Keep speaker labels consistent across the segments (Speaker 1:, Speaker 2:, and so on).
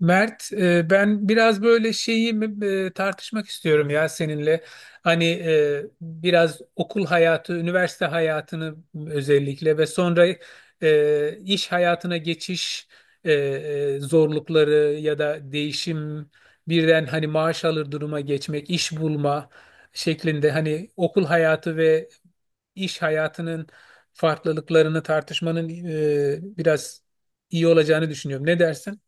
Speaker 1: Mert, ben biraz böyle tartışmak istiyorum ya seninle. Hani biraz okul hayatı, üniversite hayatını özellikle ve sonra iş hayatına geçiş zorlukları ya da değişim, birden hani maaş alır duruma geçmek, iş bulma şeklinde hani okul hayatı ve iş hayatının farklılıklarını tartışmanın biraz iyi olacağını düşünüyorum. Ne dersin?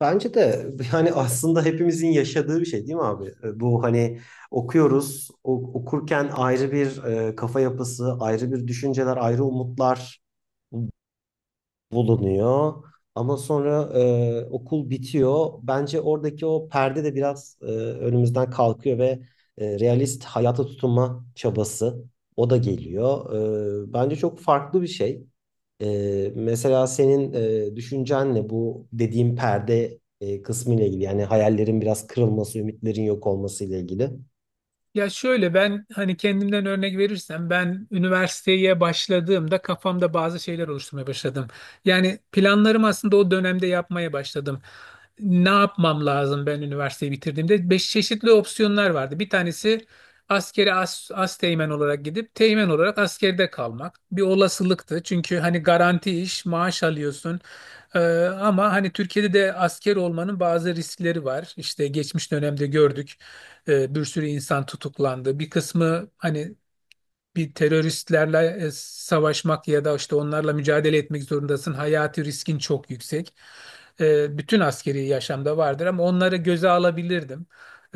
Speaker 2: Bence de yani aslında hepimizin yaşadığı bir şey değil mi abi? Bu hani okuyoruz, okurken ayrı bir kafa yapısı, ayrı bir düşünceler, ayrı umutlar bulunuyor. Ama sonra okul bitiyor. Bence oradaki o perde de biraz önümüzden kalkıyor ve realist hayata tutunma çabası o da geliyor. Bence çok farklı bir şey. Mesela senin düşüncenle bu dediğim perde kısmı ile ilgili. Yani hayallerin biraz kırılması, ümitlerin yok olması ile ilgili.
Speaker 1: Ya şöyle, ben hani kendimden örnek verirsem, ben üniversiteye başladığımda kafamda bazı şeyler oluşturmaya başladım. Yani planlarımı aslında o dönemde yapmaya başladım. Ne yapmam lazım ben üniversiteyi bitirdiğimde? Beş çeşitli opsiyonlar vardı. Bir tanesi askeri asteğmen olarak gidip teğmen olarak askerde kalmak. Bir olasılıktı. Çünkü hani garanti iş, maaş alıyorsun. Ee, ama hani Türkiye'de de asker olmanın bazı riskleri var. İşte geçmiş dönemde gördük. Bir sürü insan tutuklandı. Bir kısmı hani bir teröristlerle savaşmak ya da işte onlarla mücadele etmek zorundasın. Hayati riskin çok yüksek. Bütün askeri yaşamda vardır ama onları göze alabilirdim.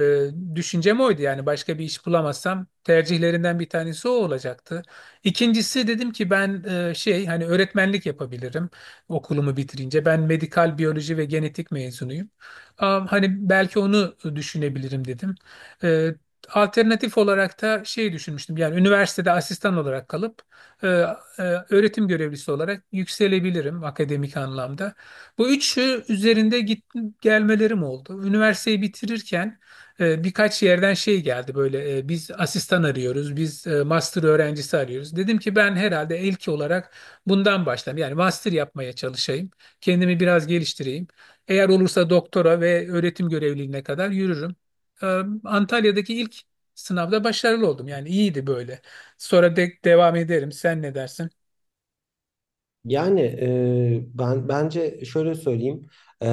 Speaker 1: E, düşüncem oydu, yani başka bir iş bulamazsam tercihlerinden bir tanesi o olacaktı. İkincisi, dedim ki ben şey, hani öğretmenlik yapabilirim okulumu bitirince. Ben medikal biyoloji ve genetik mezunuyum. Hani belki onu düşünebilirim dedim. Ee, Alternatif olarak da şey düşünmüştüm. Yani üniversitede asistan olarak kalıp e, e, öğretim görevlisi olarak yükselebilirim akademik anlamda. Bu üçü üzerinde gelmelerim oldu. Üniversiteyi bitirirken birkaç yerden şey geldi böyle, biz asistan arıyoruz, biz master öğrencisi arıyoruz. Dedim ki ben herhalde ilk olarak bundan başlayayım. Yani master yapmaya çalışayım, kendimi biraz geliştireyim. Eğer olursa doktora ve öğretim görevliliğine kadar yürürüm. Ee, Antalya'daki ilk sınavda başarılı oldum. Yani iyiydi böyle. Sonra de devam ederim. Sen ne dersin?
Speaker 2: Yani ben bence şöyle söyleyeyim. E,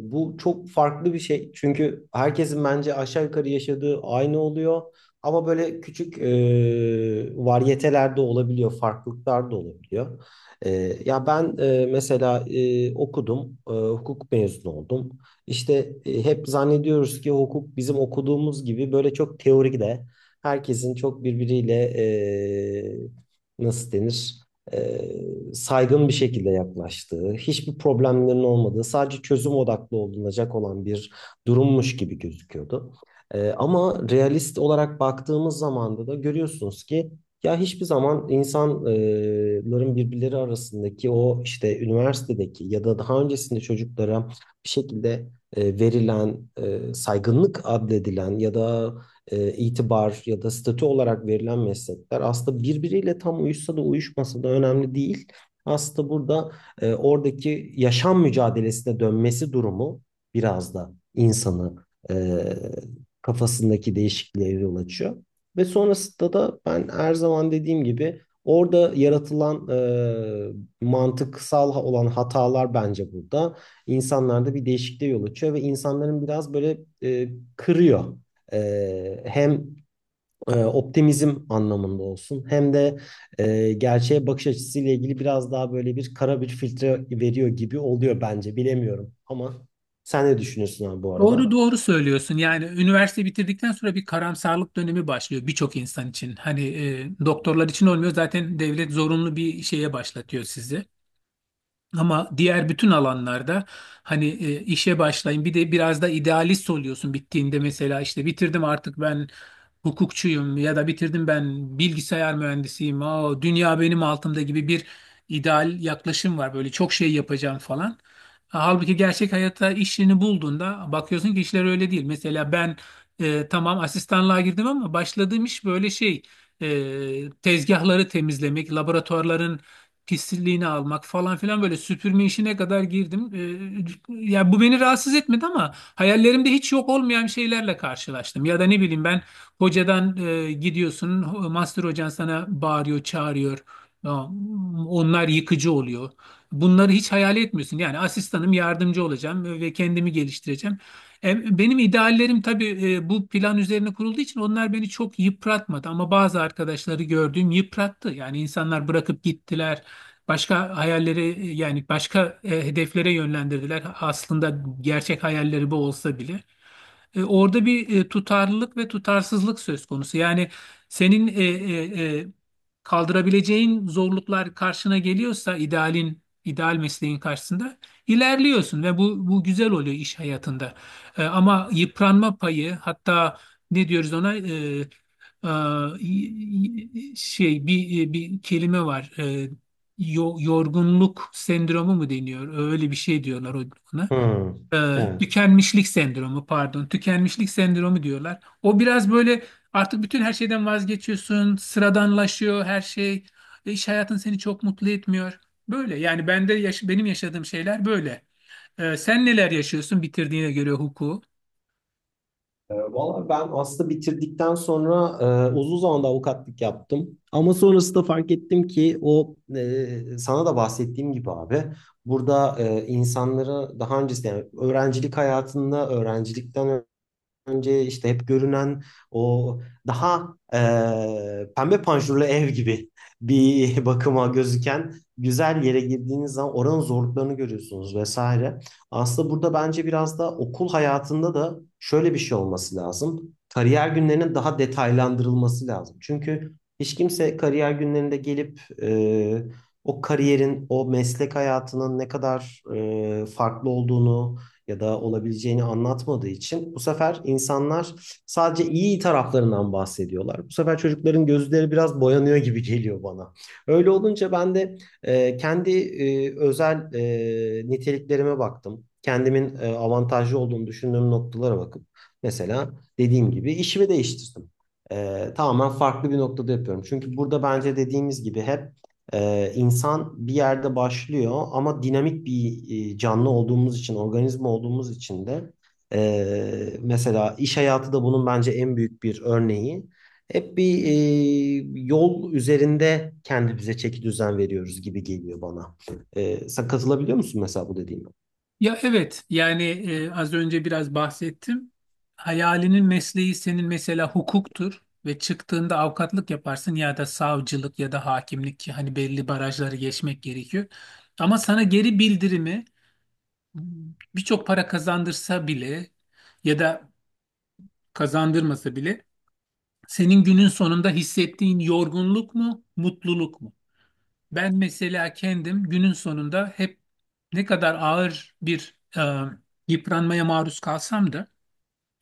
Speaker 2: Bu çok farklı bir şey. Çünkü herkesin bence aşağı yukarı yaşadığı aynı oluyor. Ama böyle küçük varyeteler de olabiliyor, farklılıklar da olabiliyor. E, Ya ben mesela okudum, hukuk mezunu oldum. İşte hep zannediyoruz ki hukuk bizim okuduğumuz gibi böyle çok teorik de herkesin çok birbiriyle nasıl denir? e, Saygın bir şekilde yaklaştığı, hiçbir problemlerin olmadığı, sadece çözüm odaklı olunacak olan bir durummuş gibi gözüküyordu. Ama realist olarak baktığımız zaman da görüyorsunuz ki ya hiçbir zaman insanların birbirleri arasındaki o işte üniversitedeki ya da daha öncesinde çocuklara bir şekilde verilen, saygınlık adledilen ya da itibar ya da statü olarak verilen meslekler aslında birbiriyle tam uyuşsa da uyuşmasa da önemli değil. Aslında burada oradaki yaşam mücadelesine dönmesi durumu biraz da insanı e, kafasındaki değişikliğe yol açıyor. Ve sonrasında da ben her zaman dediğim gibi orada yaratılan mantıksal olan hatalar bence burada insanlarda bir değişikliğe yol açıyor ve insanların biraz böyle kırıyor hem optimizm anlamında olsun hem de gerçeğe bakış açısıyla ilgili biraz daha böyle bir kara bir filtre veriyor gibi oluyor bence. Bilemiyorum ama sen ne düşünüyorsun abi bu arada?
Speaker 1: Doğru doğru söylüyorsun. Yani üniversite bitirdikten sonra bir karamsarlık dönemi başlıyor birçok insan için. Hani doktorlar için olmuyor, zaten devlet zorunlu bir şeye başlatıyor sizi. Ama diğer bütün alanlarda hani işe başlayın, bir de biraz da idealist oluyorsun bittiğinde, mesela işte bitirdim artık ben hukukçuyum ya da bitirdim ben bilgisayar mühendisiyim. Dünya benim altımda gibi bir ideal yaklaşım var, böyle çok şey yapacağım falan. Halbuki gerçek hayatta işini bulduğunda bakıyorsun ki işler öyle değil. Mesela ben tamam asistanlığa girdim ama başladığım iş böyle şey, tezgahları temizlemek, laboratuvarların pisliğini almak falan filan, böyle süpürme işine kadar girdim. Ya bu beni rahatsız etmedi ama hayallerimde hiç yok olmayan şeylerle karşılaştım. Ya da ne bileyim ben hocadan gidiyorsun, master hocan sana bağırıyor, çağırıyor. Ya, onlar yıkıcı oluyor. Bunları hiç hayal etmiyorsun. Yani asistanım, yardımcı olacağım ve kendimi geliştireceğim. Benim ideallerim tabii bu plan üzerine kurulduğu için onlar beni çok yıpratmadı ama bazı arkadaşları gördüğüm yıprattı. Yani insanlar bırakıp gittiler. Başka hayalleri yani başka hedeflere yönlendirdiler. Aslında gerçek hayalleri bu olsa bile. Orada bir tutarlılık ve tutarsızlık söz konusu. Yani senin kaldırabileceğin zorluklar karşına geliyorsa, idealin, ideal mesleğin karşısında ilerliyorsun ve bu güzel oluyor iş hayatında. Ama yıpranma payı, hatta ne diyoruz ona, e, y- şey, bir kelime var. Yorgunluk sendromu mu deniyor? Öyle bir şey diyorlar ona,
Speaker 2: Hmm. Evet.
Speaker 1: tükenmişlik sendromu, pardon, tükenmişlik sendromu diyorlar. O biraz böyle, artık bütün her şeyden vazgeçiyorsun, sıradanlaşıyor her şey. E, iş hayatın seni çok mutlu etmiyor. Böyle, yani benim yaşadığım şeyler böyle. Sen neler yaşıyorsun bitirdiğine göre hukuku?
Speaker 2: Valla ben aslında bitirdikten sonra uzun zamanda avukatlık yaptım. Ama sonrasında fark ettim ki o sana da bahsettiğim gibi abi burada insanlara daha öncesinde yani öğrencilik hayatında öğrencilikten önce işte hep görünen o daha pembe panjurlu ev gibi bir bakıma gözüken güzel yere girdiğiniz zaman oranın zorluklarını görüyorsunuz vesaire. Aslında burada bence biraz da okul hayatında da şöyle bir şey olması lazım. Kariyer günlerinin daha detaylandırılması lazım. Çünkü hiç kimse kariyer günlerinde gelip o kariyerin, o meslek hayatının ne kadar farklı olduğunu ya da olabileceğini anlatmadığı için bu sefer insanlar sadece iyi taraflarından bahsediyorlar. Bu sefer çocukların gözleri biraz boyanıyor gibi geliyor bana. Öyle olunca ben de kendi özel niteliklerime baktım. Kendimin avantajlı olduğunu düşündüğüm noktalara bakıp mesela dediğim gibi işimi değiştirdim. Tamamen farklı bir noktada yapıyorum. Çünkü burada bence dediğimiz gibi hep insan bir yerde başlıyor ama dinamik bir canlı olduğumuz için, organizma olduğumuz için de mesela iş hayatı da bunun bence en büyük bir örneği. Hep bir yol üzerinde kendimize çeki düzen veriyoruz gibi geliyor bana. Sen katılabiliyor musun mesela bu dediğime?
Speaker 1: Ya evet, yani az önce biraz bahsettim. Hayalinin mesleği senin mesela hukuktur ve çıktığında avukatlık yaparsın ya da savcılık ya da hakimlik, ki hani belli barajları geçmek gerekiyor. Ama sana geri bildirimi, birçok para kazandırsa bile ya da kazandırmasa bile, senin günün sonunda hissettiğin yorgunluk mu, mutluluk mu? Ben mesela kendim günün sonunda hep, ne kadar ağır bir yıpranmaya maruz kalsam da,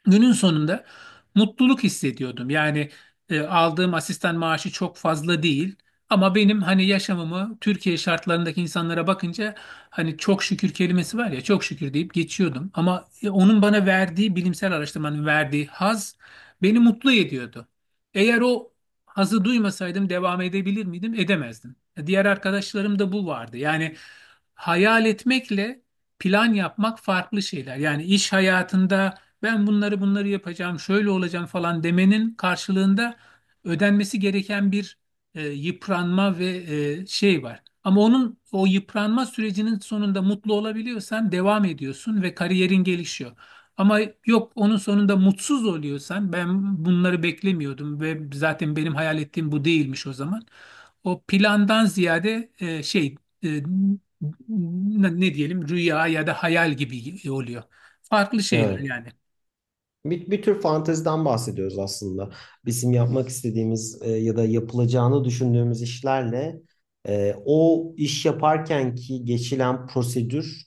Speaker 1: günün sonunda mutluluk hissediyordum. Yani aldığım asistan maaşı çok fazla değil ama benim hani yaşamımı Türkiye şartlarındaki insanlara bakınca, hani çok şükür kelimesi var ya, çok şükür deyip geçiyordum. Ama onun bana verdiği, bilimsel araştırmanın verdiği haz beni mutlu ediyordu. Eğer o hazı duymasaydım devam edebilir miydim? Edemezdim. Diğer arkadaşlarım da bu vardı. Yani hayal etmekle plan yapmak farklı şeyler. Yani iş hayatında ben bunları yapacağım, şöyle olacağım falan demenin karşılığında ödenmesi gereken bir yıpranma ve şey var. Ama onun, o yıpranma sürecinin sonunda mutlu olabiliyorsan devam ediyorsun ve kariyerin gelişiyor. Ama yok, onun sonunda mutsuz oluyorsan, ben bunları beklemiyordum ve zaten benim hayal ettiğim bu değilmiş o zaman. O plandan ziyade şey, e, ne diyelim, rüya ya da hayal gibi oluyor. Farklı şeyler
Speaker 2: Evet.
Speaker 1: yani.
Speaker 2: Bir, bir tür fanteziden bahsediyoruz aslında. Bizim yapmak istediğimiz ya da yapılacağını düşündüğümüz işlerle o iş yaparken ki geçilen prosedür,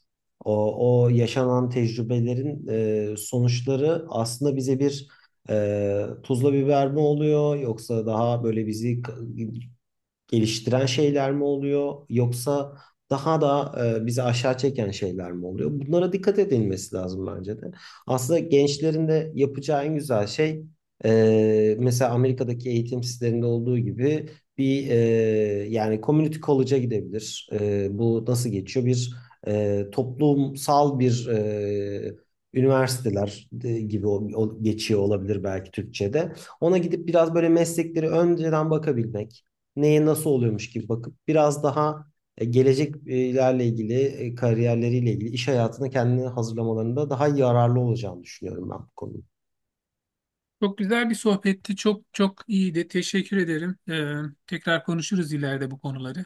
Speaker 2: o, o yaşanan tecrübelerin sonuçları aslında bize bir tuzla biber mi oluyor yoksa daha böyle bizi geliştiren şeyler mi oluyor yoksa daha da bizi aşağı çeken şeyler mi oluyor? Bunlara dikkat edilmesi lazım bence de. Aslında gençlerin de yapacağı en güzel şey mesela Amerika'daki eğitim sisteminde olduğu gibi bir yani community college'a gidebilir. E, bu nasıl geçiyor? Bir toplumsal bir üniversiteler gibi geçiyor olabilir belki Türkçe'de. Ona gidip biraz böyle meslekleri önceden bakabilmek, neye nasıl oluyormuş gibi bakıp biraz daha geleceklerle ilgili, kariyerleriyle ilgili iş hayatını kendini hazırlamalarında daha yararlı olacağını düşünüyorum ben bu konuda.
Speaker 1: Çok güzel bir sohbetti. Çok çok iyiydi. Teşekkür ederim. Tekrar konuşuruz ileride bu konuları.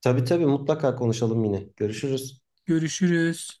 Speaker 2: Tabii tabii mutlaka konuşalım yine. Görüşürüz.
Speaker 1: Görüşürüz.